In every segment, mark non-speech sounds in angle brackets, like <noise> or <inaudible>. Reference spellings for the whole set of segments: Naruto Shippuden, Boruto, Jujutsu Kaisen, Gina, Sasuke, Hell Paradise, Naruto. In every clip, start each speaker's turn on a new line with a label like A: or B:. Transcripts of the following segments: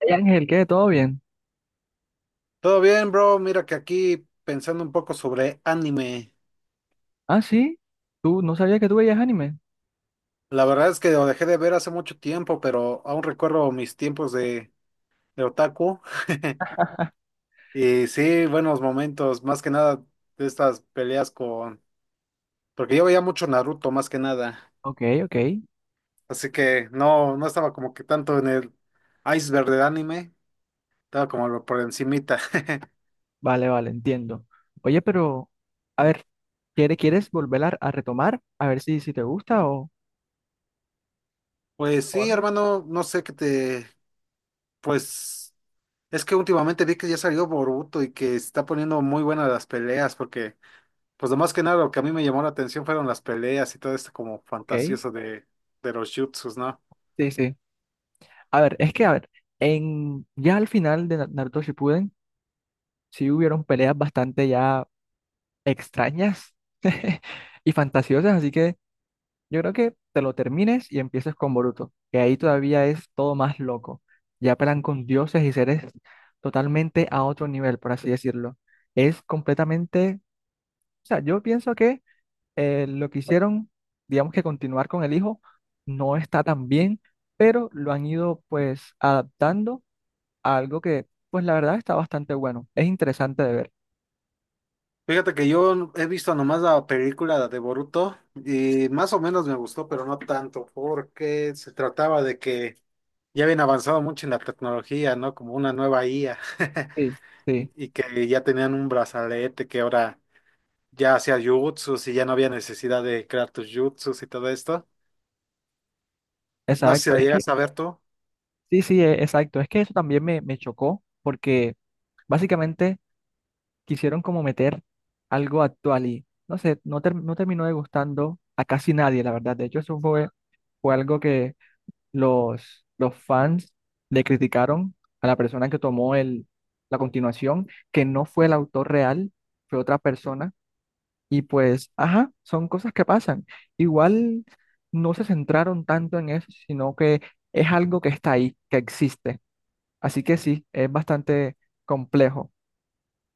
A: Hey, Ángel, ¿qué? ¿Todo bien?
B: Todo bien, bro. Mira que aquí pensando un poco sobre anime.
A: Ah, sí. ¿Tú no sabías que tú veías anime?
B: La verdad es que lo dejé de ver hace mucho tiempo, pero aún recuerdo mis tiempos de otaku. <laughs> Y sí, buenos momentos, más que nada de estas peleas con... Porque yo veía mucho Naruto, más que nada.
A: Ok, ok.
B: Así que no estaba como que tanto en el iceberg del anime, estaba como por encimita. <laughs>
A: Vale, vale, entiendo. Oye, pero, a ver, ¿Quieres volver a retomar? A ver si te gusta
B: Pues
A: o
B: sí,
A: algo.
B: hermano, no sé qué te... Pues... Es que últimamente vi que ya salió Boruto y que se está poniendo muy buenas las peleas, porque, pues lo más que nada, lo que a mí me llamó la atención fueron las peleas y todo esto como
A: Ok,
B: fantasioso de los jutsus, ¿no?
A: sí, sí. A ver, es que, a ver, en, ya al final de Naruto Shippuden sí hubieron peleas bastante ya extrañas <laughs> y fantasiosas, así que yo creo que te lo termines y empieces con Boruto, que ahí todavía es todo más loco. Ya pelean con dioses y seres totalmente a otro nivel, por así decirlo. Es completamente, o sea, yo pienso que lo que hicieron, digamos que continuar con el hijo, no está tan bien, pero lo han ido pues adaptando a algo que, pues la verdad está bastante bueno. Es interesante de ver.
B: Fíjate que yo he visto nomás la película de Boruto y más o menos me gustó, pero no tanto, porque se trataba de que ya habían avanzado mucho en la tecnología, ¿no? Como una nueva IA <laughs>
A: Sí,
B: y
A: sí,
B: y que ya tenían un brazalete que ahora ya hacía jutsus y ya no había necesidad de crear tus jutsus y todo esto. No sé si
A: exacto.
B: la
A: Es que,
B: llegas a ver tú.
A: sí, sí, exacto. Es que eso también me chocó porque básicamente quisieron como meter algo actual y no sé, no, no terminó de gustando a casi nadie, la verdad. De hecho, eso fue, fue algo que los fans le criticaron a la persona que tomó el, la continuación, que no fue el autor real, fue otra persona. Y pues, ajá, son cosas que pasan. Igual no se centraron tanto en eso, sino que es algo que está ahí, que existe. Así que sí, es bastante complejo.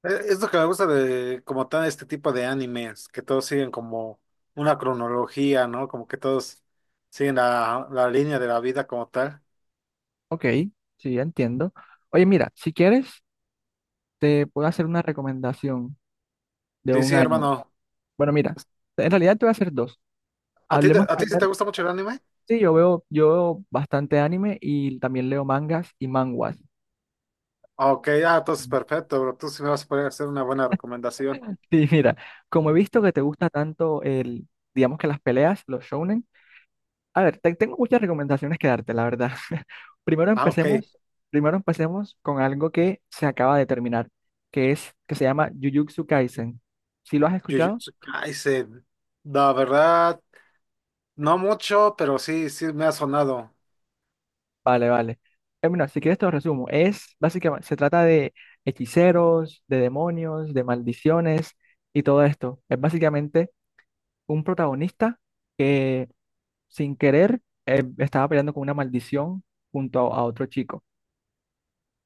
B: Es lo que me gusta de como tal este tipo de animes, que todos siguen como una cronología, ¿no? Como que todos siguen la línea de la vida como tal.
A: Ok, sí, ya entiendo. Oye, mira, si quieres, te puedo hacer una recomendación de
B: Sí,
A: un
B: sí,
A: anime.
B: hermano.
A: Bueno, mira, en realidad te voy a hacer dos.
B: ¿A ti,
A: Hablemos
B: a ti sí te
A: primero.
B: gusta mucho el anime?
A: Sí, yo veo bastante anime y también leo mangas y manguas.
B: Ah, ok, ah, entonces
A: Mm.
B: perfecto, bro. Tú sí me vas a poder hacer una buena recomendación.
A: Sí, mira, como he visto que te gusta tanto el, digamos que las peleas, los shounen, a ver, tengo muchas recomendaciones que darte, la verdad. <laughs> Primero
B: Ah, ok.
A: empecemos, primero empecemos con algo que se acaba de terminar, que es, que se llama Jujutsu Kaisen. ¿Sí lo has escuchado?
B: Jujutsu Kaisen. La verdad, no mucho, pero sí, sí me ha sonado.
A: Vale, vale. Mira, si quieres te lo resumo. Es básicamente, se trata de hechiceros, de demonios, de maldiciones y todo esto. Es básicamente un protagonista que sin querer estaba peleando con una maldición junto a otro chico,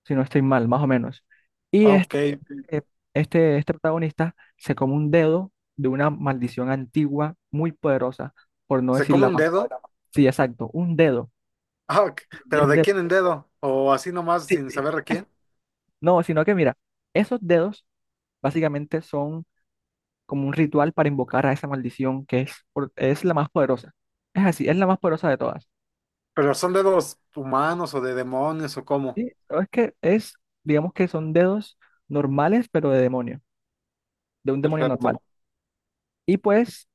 A: si no estoy mal, más o menos. Y
B: Ah,
A: este,
B: ok.
A: este, este protagonista se come un dedo de una maldición antigua muy poderosa, por no
B: ¿Se
A: decir
B: come
A: la
B: un
A: más
B: dedo?
A: poderosa. Sí, exacto, un dedo,
B: Ah, ok.
A: diez
B: ¿Pero de
A: dedos.
B: quién en dedo? ¿O así nomás
A: Sí,
B: sin
A: sí.
B: saber de quién?
A: No, sino que mira, esos dedos básicamente son como un ritual para invocar a esa maldición que es, es la más poderosa. Es así, es la más poderosa de todas.
B: Pero son dedos humanos o de demonios o cómo.
A: Sí, pero es que es, digamos que son dedos normales, pero de demonio, de un demonio normal.
B: Perfecto.
A: Y pues,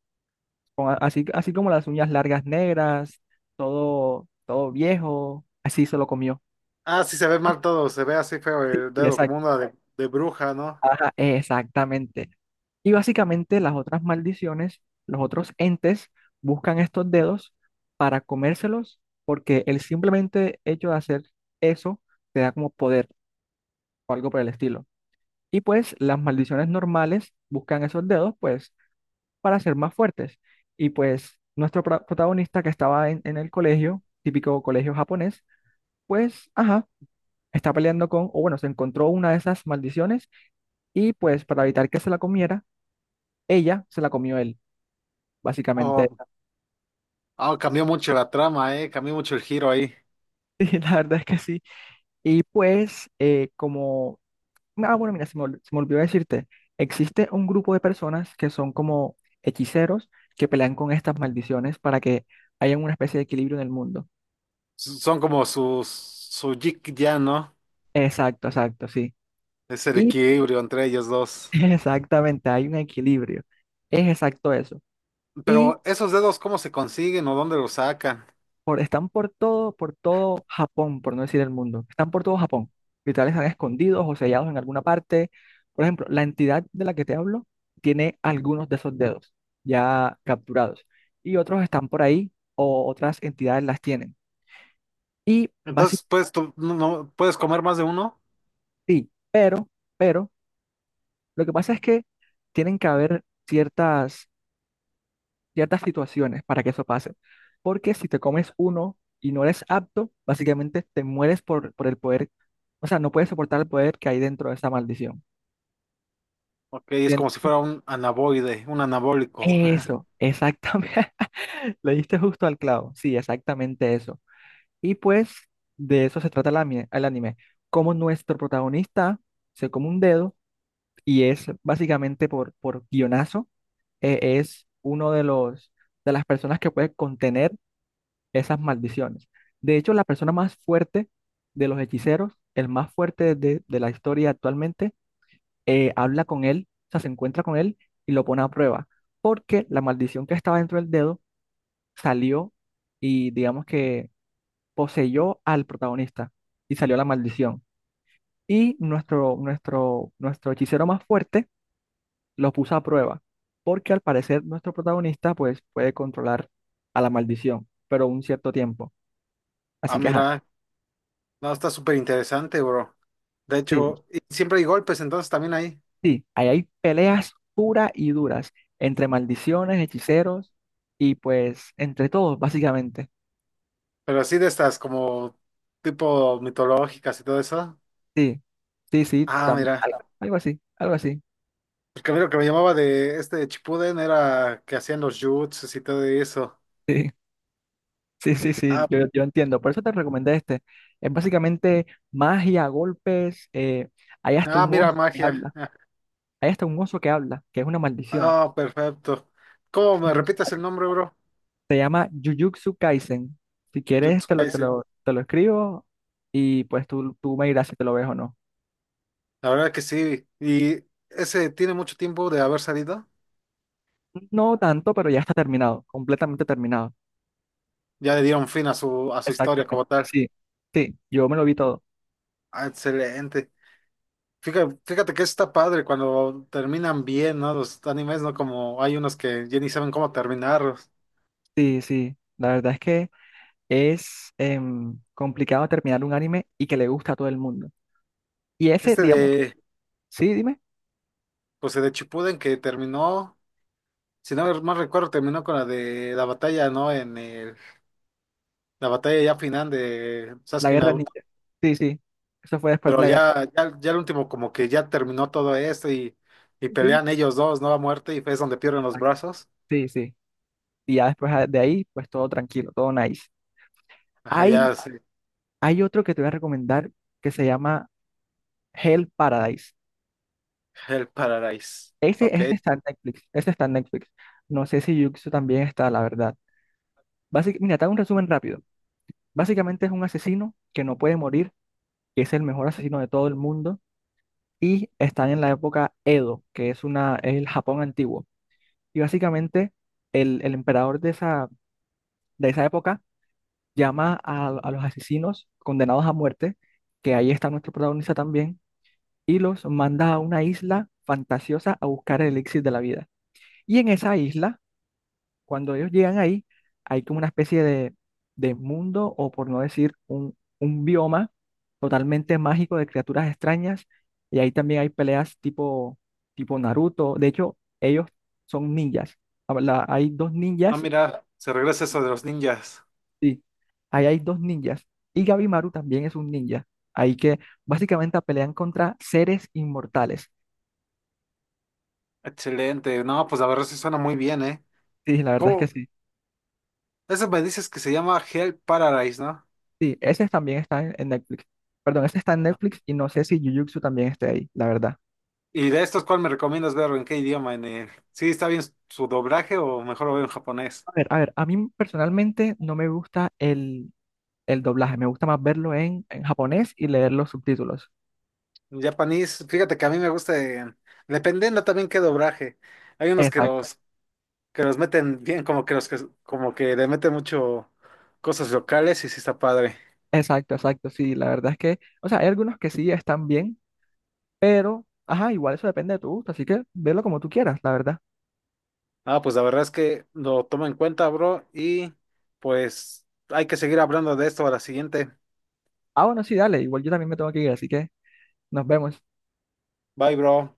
A: con así, así como las uñas largas negras, todo, todo viejo, así se lo comió.
B: Ah, sí, se ve mal todo, se ve así feo
A: Sí,
B: el
A: sí,
B: dedo, como una de bruja, ¿no?
A: ajá, exactamente. Y básicamente las otras maldiciones, los otros entes buscan estos dedos para comérselos porque el simplemente hecho de hacer eso te da como poder o algo por el estilo. Y pues las maldiciones normales buscan esos dedos pues para ser más fuertes. Y pues nuestro protagonista que estaba en el colegio, típico colegio japonés, pues ajá, está peleando con, o bueno, se encontró una de esas maldiciones y pues para evitar que se la comiera ella se la comió él, básicamente.
B: Oh,
A: <laughs>
B: ah, cambió mucho la trama, ¿eh? Cambió mucho el giro ahí.
A: Y la verdad es que sí. Y pues, como, ah, bueno, mira, se me olvidó decirte, existe un grupo de personas que son como hechiceros que pelean con estas maldiciones para que haya una especie de equilibrio en el mundo.
B: Son como su jig ya, ¿no?
A: Exacto, exacto, sí.
B: Es el
A: Y
B: equilibrio entre ellos
A: <laughs>
B: dos.
A: exactamente, hay un equilibrio. Es exacto eso. Y
B: Pero esos dedos, ¿cómo se consiguen o dónde los sacan?
A: están por todo Japón, por no decir el mundo. Están por todo Japón. Literal están escondidos o sellados en alguna parte. Por ejemplo, la entidad de la que te hablo tiene algunos de esos dedos ya capturados y otros están por ahí o otras entidades las tienen. Y básicamente,
B: Entonces, puedes, tú, ¿puedes comer más de uno?
A: sí, pero, lo que pasa es que tienen que haber ciertas ciertas situaciones para que eso pase. Porque si te comes uno y no eres apto, básicamente te mueres por el poder, o sea, no puedes soportar el poder que hay dentro de esa maldición.
B: Ok, es como si
A: ¿Entiendes?
B: fuera un anaboide, un anabólico.
A: Eso,
B: <laughs>
A: exactamente. <laughs> Le diste justo al clavo. Sí, exactamente eso. Y pues de eso se trata el anime, el anime. Como nuestro protagonista se come un dedo y es básicamente por guionazo, es uno de los de las personas que puede contener esas maldiciones. De hecho, la persona más fuerte de los hechiceros, el más fuerte de la historia actualmente, habla con él, o sea, se encuentra con él y lo pone a prueba, porque la maldición que estaba dentro del dedo salió y digamos que poseyó al protagonista y salió la maldición. Y nuestro hechicero más fuerte lo puso a prueba, porque al parecer nuestro protagonista pues puede controlar a la maldición, pero un cierto tiempo.
B: Ah,
A: Así que, ajá.
B: mira. No, está súper interesante, bro. De
A: Sí,
B: hecho, y siempre hay golpes entonces también ahí.
A: sí, ahí hay peleas puras y duras entre maldiciones, hechiceros y pues entre todos, básicamente.
B: Pero así de estas como tipo mitológicas y todo eso.
A: Sí, sí, sí,
B: Ah, mira.
A: algo así, algo así.
B: Porque a mí lo que me llamaba de este Chipuden era que hacían los jutsus y todo eso.
A: <laughs> Sí, sí, sí, sí,
B: Ah,
A: yo entiendo. Por eso te recomendé este. Es básicamente magia, golpes, hay hasta
B: ah,
A: un
B: mira,
A: oso que
B: magia.
A: habla,
B: <laughs>
A: hay hasta un oso que habla, que es una maldición.
B: Ah, oh, perfecto. ¿Cómo me repitas el
A: <laughs>
B: nombre, bro?
A: Se llama Jujutsu Kaisen. Si quieres,
B: Jujutsu
A: te lo, te
B: Kaisen.
A: lo, te lo escribo y pues tú me dirás si te lo ves o no.
B: La verdad que sí. Y ese tiene mucho tiempo de haber salido.
A: No tanto, pero ya está terminado, completamente terminado.
B: Ya le dieron fin a a su historia
A: Exactamente.
B: como tal.
A: Sí, sí, yo me lo vi todo.
B: Ah, excelente. Fíjate que está padre cuando terminan bien, ¿no? Los animes, ¿no? Como hay unos que ya ni saben cómo terminarlos.
A: Sí, sí. La verdad es que es complicado terminar un anime y que le gusta a todo el mundo. Y ese,
B: Este
A: digamos,
B: de,
A: sí, dime,
B: pues el de Chipuden que terminó, si no mal recuerdo, terminó con la de la batalla, ¿no? La batalla ya final de
A: la
B: Sasuke y
A: guerra
B: Naruto.
A: ninja. Sí, sí. Eso fue después de
B: Pero
A: la guerra.
B: ya el último como que ya terminó todo esto y
A: Sí, sí.
B: pelean ellos dos, ¿no? A muerte y es donde pierden los
A: Exacto,
B: brazos.
A: sí, sí. Y ya después de ahí, pues todo tranquilo, todo nice.
B: Ajá,
A: Hay,
B: ya, sí.
A: hay otro que te voy a recomendar que se llama Hell Paradise.
B: El Paradise.
A: Ese,
B: Ok.
A: ese está en Netflix. Ese está en Netflix. No sé si Yuxu también está, la verdad. Mira, te hago un resumen rápido. Básicamente es un asesino que no puede morir, que es el mejor asesino de todo el mundo y está en la época Edo, que es una, es el Japón antiguo. Y básicamente el emperador de esa época llama a los asesinos condenados a muerte, que ahí está nuestro protagonista también, y los manda a una isla fantasiosa a buscar el elixir de la vida. Y en esa isla cuando ellos llegan ahí, hay como una especie de mundo, o por no decir un bioma totalmente mágico de criaturas extrañas, y ahí también hay peleas tipo, tipo Naruto. De hecho, ellos son ninjas. Hay dos
B: Ah,
A: ninjas,
B: mira, se regresa eso de los ninjas.
A: sí, ahí hay dos ninjas, y Gabimaru también es un ninja. Ahí que básicamente pelean contra seres inmortales.
B: Excelente. No, pues la verdad sí suena muy bien, ¿eh?
A: Sí, la verdad es que
B: ¿Cómo?
A: sí.
B: Eso me dices que se llama Hell Paradise, ¿no?
A: Sí, ese también está en Netflix. Perdón, ese está en Netflix y no sé si Jujutsu también esté ahí, la verdad.
B: Y de estos, ¿cuál me recomiendas verlo? ¿En qué idioma? ¿En el... ¿Sí está bien su doblaje o mejor lo veo en japonés?
A: A ver, a ver, a mí personalmente no me gusta el doblaje, me gusta más verlo en japonés y leer los subtítulos.
B: En japonés, fíjate que a mí me gusta, dependiendo también qué doblaje. Hay unos que
A: Exacto,
B: que los meten bien, como que como que le meten mucho cosas locales y sí está padre.
A: exacto, sí, la verdad es que, o sea, hay algunos que sí están bien, pero, ajá, igual eso depende de tu gusto, así que verlo como tú quieras, la verdad.
B: Ah, pues la verdad es que lo tomo en cuenta, bro, y pues hay que seguir hablando de esto a la siguiente.
A: Ah, bueno, sí, dale, igual yo también me tengo que ir, así que nos vemos.
B: Bye, bro.